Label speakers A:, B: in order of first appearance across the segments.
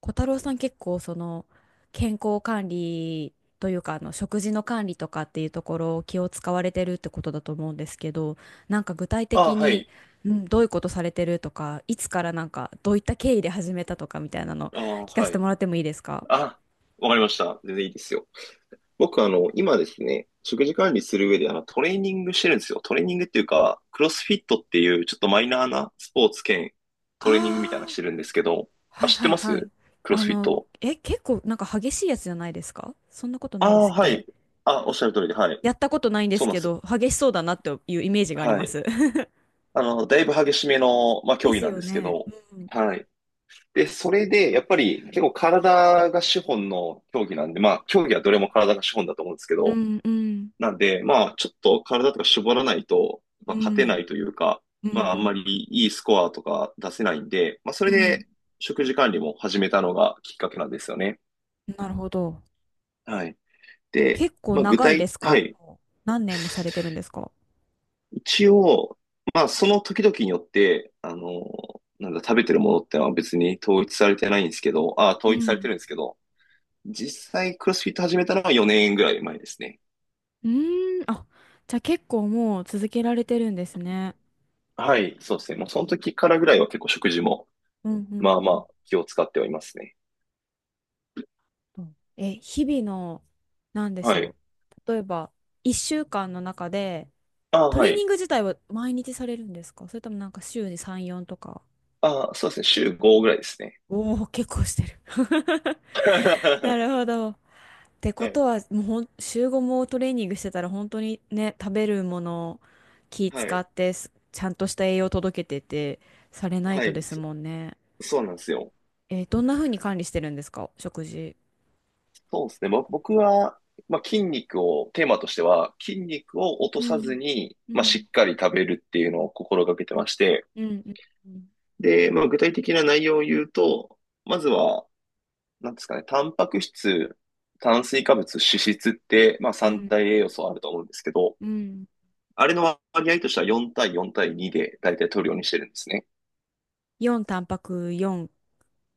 A: 小太郎さん、結構その健康管理というか食事の管理とかっていうところを気を使われてるってことだと思うんですけど、なんか具体
B: あ、
A: 的
B: は
A: に、
B: い。
A: うん、どういうことされてるとか、いつからなんかどういった経緯で始めたとかみたいなの
B: あ、
A: 聞かせ
B: は
A: て
B: い。
A: もらってもいいですか？
B: あ、わかりました。全然いいですよ。僕、今ですね、食事管理する上で、トレーニングしてるんですよ。トレーニングっていうか、クロスフィットっていう、ちょっとマイナーなスポーツ兼トレーニングみたいなの
A: あ
B: し
A: あ、
B: てるんですけど、
A: は
B: あ、
A: い
B: 知っ
A: は
B: て
A: い
B: ま
A: はい。
B: す？クロ
A: あ
B: スフィッ
A: の
B: ト。
A: え結構なんか激しいやつじゃないですか？そんなことな
B: あ
A: いで
B: あ、
A: すっ
B: は
A: け？
B: い。あ、おっしゃる通りで、はい。
A: やったことないんで
B: そ
A: す
B: うなん
A: け
B: ですよ。
A: ど、激しそうだなっていうイメージがあり
B: は
A: ま
B: い。
A: す。
B: だいぶ激しめの、まあ、
A: で
B: 競技
A: す
B: なん
A: よ
B: ですけ
A: ね。
B: ど、
A: うん
B: はい。で、それで、やっぱり、結構体が資本の競技なんで、まあ、競技はどれも体が資本だと思うんですけ
A: う
B: ど、
A: んうん
B: なんで、まあ、ちょっと体とか絞らないと、ま
A: う
B: あ、勝てな
A: ん、
B: いというか、
A: う
B: まあ、あんま
A: ん、
B: りいいスコアとか出せないんで、まあ、そ
A: う
B: れ
A: ん、う
B: で
A: ん。
B: 食事管理も始めたのがきっかけなんですよね。
A: なるほど。
B: はい。で、
A: 結構
B: まあ、
A: 長いです
B: は
A: か？
B: い。
A: もう何年もされてるんですか？
B: 一応、まあ、その時々によって、なんだ、食べてるものってのは別に統一されてないんですけど、あ、
A: う
B: 統一されて
A: ん。
B: るんですけど、実際クロスフィット始めたのは4年ぐらい前ですね。
A: うーん。あ、じゃあ結構もう続けられてるんですね。
B: はい、そうですね。もうその時からぐらいは結構食事も
A: うん、うん、
B: まあ
A: う
B: ま
A: ん。
B: あ気を使ってはいますね。
A: え、日々の、なんでし
B: はい。
A: ょう。例えば、1週間の中で、
B: ああ、
A: ト
B: は
A: レーニン
B: い。
A: グ自体は毎日されるんですか？それともなんか週に3、4とか。
B: ああ、そうですね。週5ぐらいですね。
A: おおー、結構してる。なる
B: は
A: ほど。ってこ
B: い。
A: とは、もう週5もトレーニングしてたら本当にね、食べるものを気
B: は
A: 使
B: い。
A: ってちゃんとした栄養届けてて、されない
B: は
A: と
B: い。
A: です
B: そ、
A: もんね。
B: そうなんですよ。
A: どんな風に管理してるんですか、食事？
B: そうですね。僕は、まあ、筋肉を、テーマとしては、筋肉を落
A: う
B: とさず
A: ん。
B: に、
A: う
B: まあ、し
A: ん。
B: っかり食べるっていうのを心がけてまして、
A: うん。うん。
B: で、まあ、具体的な内容を言うと、まずは、なんですかね、タンパク質、炭水化物、脂質って、まあ、
A: う
B: 三
A: ん。
B: 大栄養素あると思うんですけど、
A: うん。
B: あれの割合としては4対4対2で大体取るようにしてるんですね。
A: 4タンパク、4、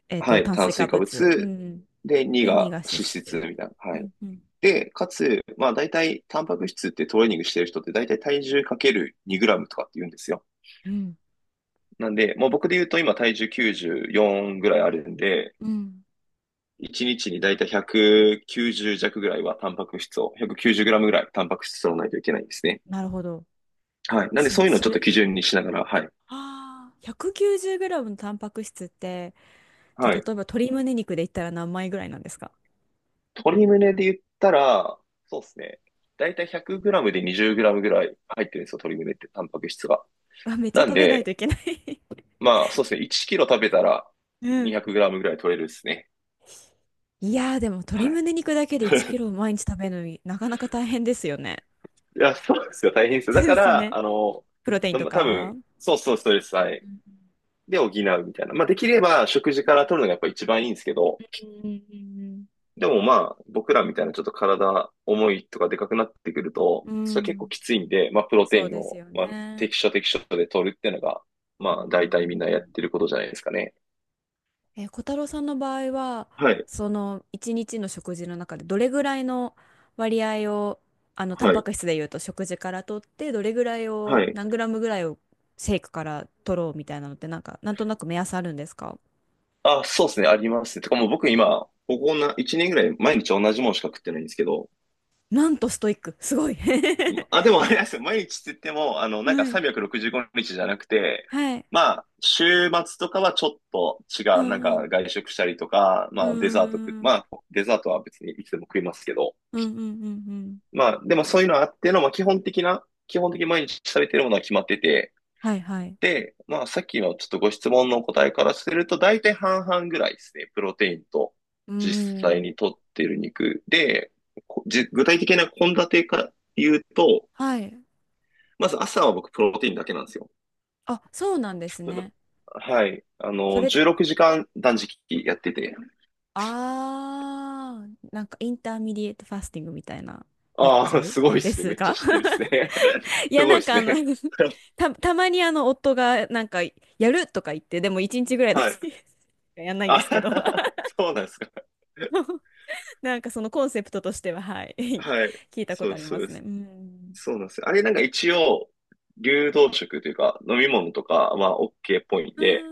B: はい、
A: 炭
B: 炭
A: 水化
B: 水化
A: 物。う
B: 物。
A: ん。
B: で、2
A: で、2
B: が
A: が脂
B: 脂質
A: 質。
B: みたいな。
A: う
B: はい。
A: ん。うん。
B: で、かつ、まあ大体、タンパク質ってトレーニングしてる人って大体体重かける2グラムとかって言うんですよ。
A: うん。
B: なんで、もう僕で言うと今体重94ぐらいあるんで、
A: うん。
B: 1日にちに大体190弱ぐらいはタンパク質を、190グラムぐらいタンパク質を取らないといけないんですね。
A: なるほど。
B: はい。なんでそういうのをち
A: そ
B: ょっと
A: れ、
B: 基準にしながら、はい。
A: ああ、190グラムのタンパク質って、じゃ
B: は
A: あ、例え
B: い。
A: ば鶏胸肉で言ったら何枚ぐらいなんですか？
B: 鶏胸で言ったら、そうですね。だいたい1 0 0ムで2 0ムぐらい入ってるんですよ、鶏胸って、タンパク質が。
A: あ めっちゃ
B: なん
A: 食べないと
B: で、
A: いけない。
B: まあ、そうですね。1キロ食べたら
A: う
B: 2 0
A: ん。
B: 0ムぐらい取れるですね。
A: いやー、でも
B: は
A: 鶏
B: い。
A: 胸肉だけで1キ ロ毎日食べるのになかなか大変ですよね。
B: いや、そうですよ。大変ですよ。
A: そ
B: だ
A: うで
B: か
A: すよ
B: ら、
A: ね。プロテイン
B: な
A: と
B: ま多分、
A: か。
B: そうそう、ストレス、
A: う
B: はい。
A: ん
B: で補うみたいな。まあ、できれば食事から取るのがやっぱ一番いいんですけど、
A: うん
B: でもまあ、僕らみたいなちょっと体重いとかでかくなってくると、
A: うんう
B: それ
A: ん。
B: は
A: う
B: 結構
A: ん、
B: きついんで、まあ、プロ
A: そ
B: テ
A: う
B: イン
A: です
B: を、
A: よ
B: まあ、
A: ね。
B: 適所適所で取るっていうのが、
A: う
B: ま
A: ん
B: あ、
A: うんう
B: 大体みんなやっ
A: ん。
B: てることじゃないですかね。
A: 小太郎さんの場合は、
B: はい、
A: その一日の食事の中でどれぐらいの割合を、タン
B: は
A: パ
B: い、
A: ク質でいうと食事から取って、どれぐらい
B: は
A: を、
B: い。
A: 何グラムぐらいをシェイクから取ろうみたいなのって、なんか、なんとなく目安あるんですか？
B: あ、そうですね、ありますね。てかもう僕今、ここな、1年ぐらい毎日同じものしか食ってないんですけど、
A: なんとストイック、すごい。
B: あ、でもあれなんですよ。毎日って言っても、なんか
A: はい。
B: 365日じゅうごにちじゃなくて、
A: はい。
B: まあ、週末とかはちょっと違
A: う
B: う、なん
A: んう
B: か
A: ん。
B: 外食したりとか、ま
A: うー
B: あ、デザート食、ま
A: ん。
B: あ、デザートは別にいつでも食いますけど、
A: うんうんうんうん。
B: まあ、でもそういうのあっての、まあ、基本的に毎日食べてるものは決まってて、
A: はいはい。
B: で、まあ、さっきのちょっとご質問のお答えからすると、大体半々ぐらいですね。プロテインと
A: うー
B: 実際
A: ん。
B: に摂ってる肉で、具体的な献立から言うと、
A: はい。
B: まず朝は僕プロテインだけなんですよ。
A: あ、そうなんです
B: プロ
A: ね。
B: はい。
A: それっ
B: 16時間断食やってて。
A: あー、なんかインターミディエイトファスティングみたいなや
B: ああ、
A: つ
B: すごいで
A: で
B: すね。
A: す
B: めっちゃ
A: か？
B: 知ってるっすね。
A: い
B: す
A: や、
B: ごい
A: な
B: で
A: ん
B: す
A: か
B: ね。
A: たまにあの夫がなんかやるとか言って、でも1日ぐらいだ
B: はい。
A: け やんないん
B: あ、
A: ですけど。
B: そうなんですか。
A: なんかそのコンセプトとしては、はい。
B: はい。
A: 聞いたこ
B: そう
A: とあ
B: で
A: り
B: す、そ
A: ま
B: うで
A: すね。
B: す。
A: うん。
B: そうなんですよ。あれなんか一応、流動食というか、飲み物とかは OK っぽいん
A: うー
B: で、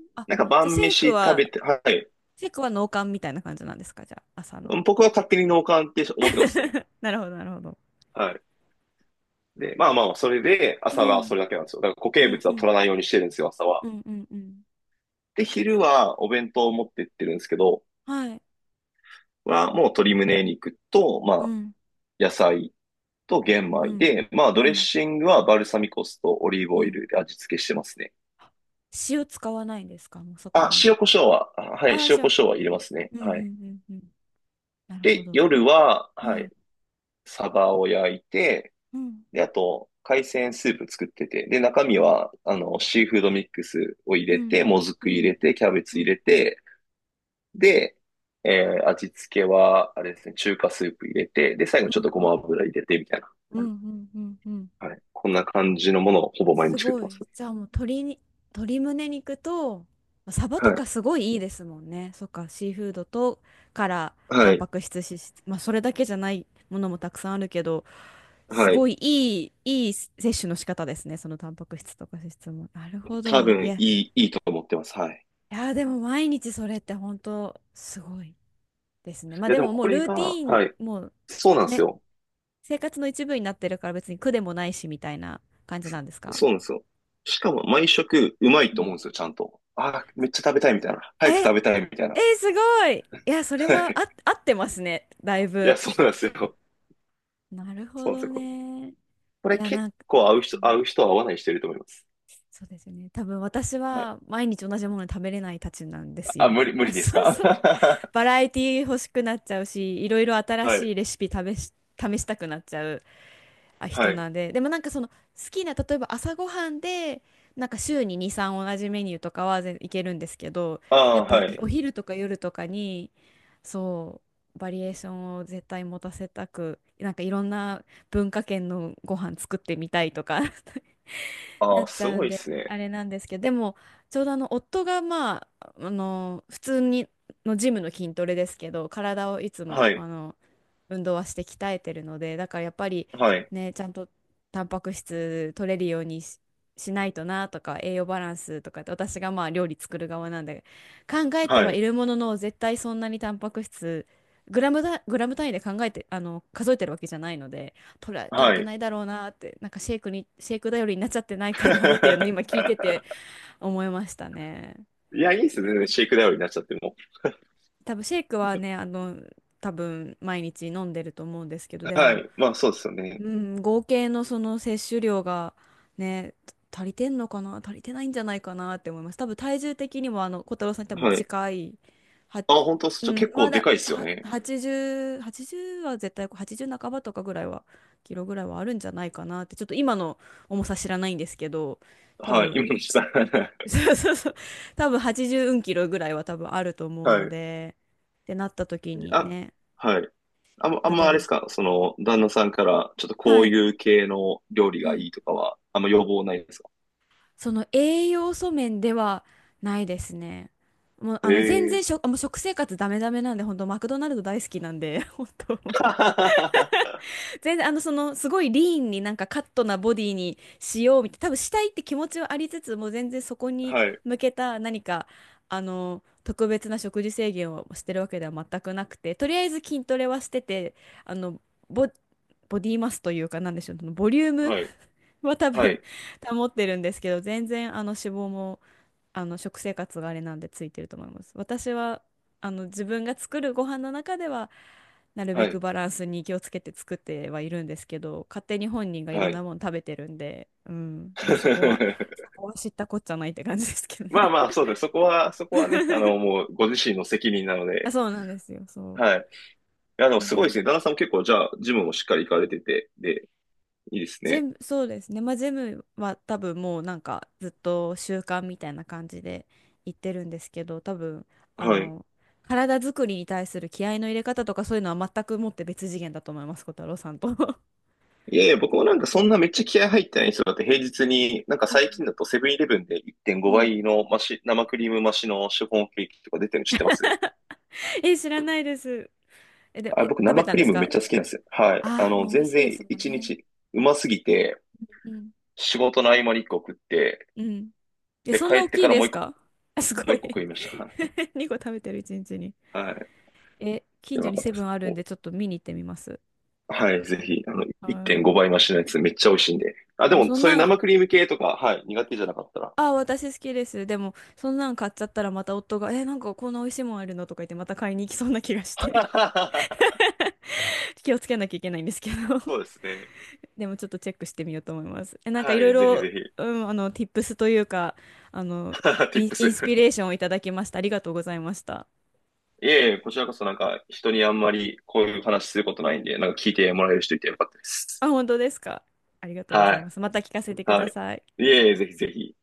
A: ん。あ、
B: なんか
A: じゃあ
B: 晩
A: シェイク
B: 飯食べ
A: は、
B: て、はい。
A: シェイクは脳幹みたいな感じなんですか？じゃあ、朝の。
B: 僕は勝手に脳幹って思ってますね。
A: なるほど、なるほど。
B: はい。で、まあまあ、それで、
A: う
B: 朝はそ
A: ん。
B: れだけなんですよ。だから固
A: う
B: 形
A: ん
B: 物
A: う
B: は取
A: ん。
B: らないようにしてるんですよ、朝
A: う
B: は。
A: んうんうん。
B: で、昼はお弁当を持ってってるんですけど、
A: はい。
B: もう鶏胸肉と、ま
A: う
B: あ、
A: ん。
B: 野菜と玄
A: う
B: 米
A: ん。
B: で、まあ、
A: う
B: ドレッ
A: ん。
B: シングはバルサミコ酢とオリーブ
A: う
B: オイ
A: ん。
B: ルで味付けしてますね。
A: 塩使わないんですか？もうそこ
B: あ、
A: に。
B: 塩コショウは、あはい、
A: ああ、
B: 塩コ
A: 塩。
B: ショウは入れますね。
A: うんう
B: はい。
A: んうんうん。なるほ
B: で、
A: ど。
B: 夜は、は
A: は
B: い、
A: い。
B: サバを焼いて、
A: うん。
B: で、あと、海鮮スープ作ってて、で、中身は、シーフードミックスを入
A: う
B: れ
A: ん。
B: て、もず
A: う
B: く入
A: ん。
B: れて、キャベ
A: う
B: ツ入
A: ん。
B: れて、で、味付けは、あれですね、中華スープ入れて、で、最後に
A: う
B: ちょっ
A: ん。
B: とご
A: うん。
B: ま油入れて、みたいな。
A: うん。うん。うん。
B: はい。こんな感じのものをほぼ毎
A: す
B: 日作って
A: ご
B: ま
A: い。
B: すね。
A: じゃあもう鶏胸肉と、サバと
B: は
A: か
B: い。
A: すごいいいですもんね。そっか、シーフードとからタ
B: は
A: ン
B: い。
A: パク質、脂質、まあそれだけじゃないものもたくさんあるけど、す
B: は
A: ご
B: い。
A: い、いい、いい摂取の仕方ですね。そのタンパク質とか脂質も。なるほ
B: 多
A: ど。い
B: 分、
A: や、
B: いいと思ってます。はい。
A: いやー、でも毎日それって本当すごいですね。まあ
B: いや、
A: で
B: でも
A: も、も
B: こ
A: うル
B: れ
A: ーテ
B: が、
A: ィー
B: は
A: ン
B: い。
A: もう
B: そうなんです
A: ね、
B: よ。
A: 生活の一部になってるから別に苦でもないしみたいな感じなんですか？
B: そうなんですよ。しかも、毎食、うまい
A: う
B: と思
A: ん。
B: うんですよ、ちゃんと。ああ、めっちゃ食べたいみたいな。早く
A: え、
B: 食べたいみたいな。
A: え、すごい。いや、それ
B: は
A: は
B: い。
A: 合ってますね、だい
B: いや、
A: ぶ。
B: そうなんですよ。
A: なるほ
B: そうなんです
A: ど
B: よ。
A: ね。い
B: これ
A: や、
B: 結
A: なんか、
B: 構合う
A: う
B: 人、合
A: ん、
B: う人は合わない人いると思います。
A: そうですよね。多分私
B: はい。
A: は毎日同じもの食べれないたちなんです
B: あ、
A: よ。
B: 無理、無理で
A: そ
B: す
A: う
B: か？
A: そう。バラエティ欲しくなっちゃうし、いろいろ新
B: は
A: しい
B: い。
A: レシピ試したくなっちゃう
B: は
A: 人
B: い。
A: なんで、でもなんかその好きな、例えば朝ごはんでなんか週に2、3同じメニューとかは全いけるんですけど、
B: あ
A: やっ
B: あ、は
A: ぱ
B: い。
A: お昼とか夜とかに、そうバリエーションを絶対持たせたく、なんかいろんな文化圏のご飯作ってみたいとか な
B: ああ、
A: っち
B: す
A: ゃう
B: ご
A: ん
B: いっ
A: で
B: す
A: あ
B: ね。
A: れなんですけど、でもちょうどあの夫がまあ、あの普通にのジムの筋トレですけど、体をいつ
B: は
A: も
B: い。
A: 運動はして鍛えてるので、だからやっぱり
B: はい。
A: ね、ちゃんとタンパク質取れるようにしないとなとか、栄養バランスとかって、私がまあ料理作る側なんで、考えて
B: は
A: はい
B: い。
A: るものの、絶対そんなにタンパク質、グラムだ、グラム単位で考えて、数えてるわけじゃないので、取れ、取れ
B: は
A: て
B: い。
A: ないだろうなって、なんかシェイク頼りになっちゃってないかなっていうのを今聞いて て思いましたね。
B: いや、いいっすね。全然シェイクダウンになっちゃっても。
A: 多分シェイクはね、多分毎日飲んでると思うんですけど、で
B: は
A: も、
B: い。まあ、そうですよね。
A: うん、合計のその摂取量がね、足りてんのかな、足りてないんじゃないかなって思います。多分体重的にもあの小太郎さんに多分
B: はい。
A: 近い、は、
B: あ、本当っす。
A: うん、
B: 結
A: ま
B: 構で
A: だ
B: かいっすよ
A: は
B: ね。
A: 80、80は絶対80半ばとかぐらいは、キロぐらいはあるんじゃないかなって、ちょっと今の重さ知らないんですけど、多
B: はい。今
A: 分、
B: のさん。
A: そうそうそう、多分80キロぐらいは多分あると思う
B: は
A: の
B: い。
A: で、ってなった時に
B: あ、
A: ね、
B: はい。あんま、あ
A: ま
B: ん
A: あ
B: ま
A: で
B: あれ
A: も、
B: ですかその、旦那さんから、ちょっとこ
A: は
B: う
A: い。
B: いう系の料理
A: う
B: が
A: ん、
B: いいとかは、あんま要望ないですか？
A: その栄養素面ではないですね。もう
B: え
A: 全
B: え
A: 然
B: ー。
A: もう食生活ダメダメなんで、本当マクドナルド大好きなんで、本当 もう
B: は
A: 全然すごいリーンになんかカットなボディにしようみたいな、多分したいって気持ちはありつつ、も全然そこに
B: い。
A: 向けた何か特別な食事制限をしてるわけでは全くなくて、とりあえず筋トレはしてて、あのボ、ボディマスというか、なんでしょう、そのボリューム
B: はい。
A: は多
B: は
A: 分
B: い。
A: 保ってるんですけど、全然脂肪も。あの食生活があれなんでついてると思います。私は自分が作るご飯の中ではなる
B: は
A: べく
B: い。
A: バランスに気をつけて作ってはいるんですけど、勝手に本人がいろ
B: は
A: ん
B: い。
A: なもの食べてるんで、うん、まあ、そこは そこは知ったこっちゃないって感じですけど
B: まあ
A: ね。
B: まあ、そうです。そこはね、もう、ご自身の責任なの
A: あ、
B: で、
A: そうなんですよ、そ
B: はい。いや、で
A: う。
B: も
A: まあ
B: す
A: で
B: ごいで
A: も
B: すね。旦那さんも結構、じゃあ、ジムもしっかり行かれてて、で、いいです
A: ジ
B: ね。
A: ム、そうですね。まあ、ジムは多分もうなんかずっと習慣みたいな感じで行ってるんですけど、多分あ
B: はい。
A: の体作りに対する気合いの入れ方とかそういうのは全くもって別次元だと思います、小太郎さんと。
B: いやいや、僕もなんかそん なめっちゃ気合入ってない人だって平日に、なん
A: う
B: か最近
A: ん。
B: だとセブンイレブンで1.5
A: うん。
B: 倍の増し、生クリーム増しのシフォンケーキとか出てるの知ってます？
A: え、知らないです。え、で、
B: あ、
A: え、
B: 僕
A: 食べ
B: 生
A: た
B: ク
A: んで
B: リー
A: す
B: ムめっ
A: か？
B: ちゃ好きなんですよ。はい。
A: ああー、もう美味
B: 全
A: しいで
B: 然
A: すもん
B: 1
A: ね。
B: 日うますぎて、
A: うん。
B: 仕事の合間に1個食って、
A: うん。え、
B: で、
A: そんな
B: 帰っ
A: 大
B: て
A: き
B: か
A: い
B: ら
A: ですか？あ、す
B: も
A: ご
B: う一
A: い。
B: 個食いました。はい。
A: 2個 食べてる一日にちに。
B: はい。
A: え、近
B: や
A: 所
B: ば
A: に
B: かった
A: セ
B: で
A: ブン
B: す。
A: あるんでちょっと見に行ってみます。
B: はい、ぜひ、
A: は
B: 1.5
A: ー
B: 倍増
A: い。
B: しのやつめっちゃ美味しいんで。あ、
A: で
B: で
A: も
B: も、
A: そん
B: そういう
A: なん、
B: 生クリーム系とか、はい、苦手じゃなかったら。
A: あ、私好きです。でも、そんなん買っちゃったらまた夫が、え、なんかこんな美味しいもんあるのとか言ってまた買いに行きそうな気がして、 気をつけなきゃいけないんですけど。
B: そうですね。
A: でもちょっとチェックしてみようと思います。え、なんかい
B: は
A: ろい
B: い、ぜひ
A: ろ、
B: ぜひ。
A: うん、tips というか、あの、
B: Tips。
A: インスピレーションをいただきました。ありがとうございました。
B: いえいえ、こちらこそなんか、人にあんまりこういう話することないんで、なんか聞いてもらえる人いてよかったです。
A: あ、本当ですか。ありがとうござ
B: は
A: いま
B: い、
A: す。また聞かせてく
B: は
A: だ
B: い。
A: さい。
B: いえいえ、ぜひぜひ。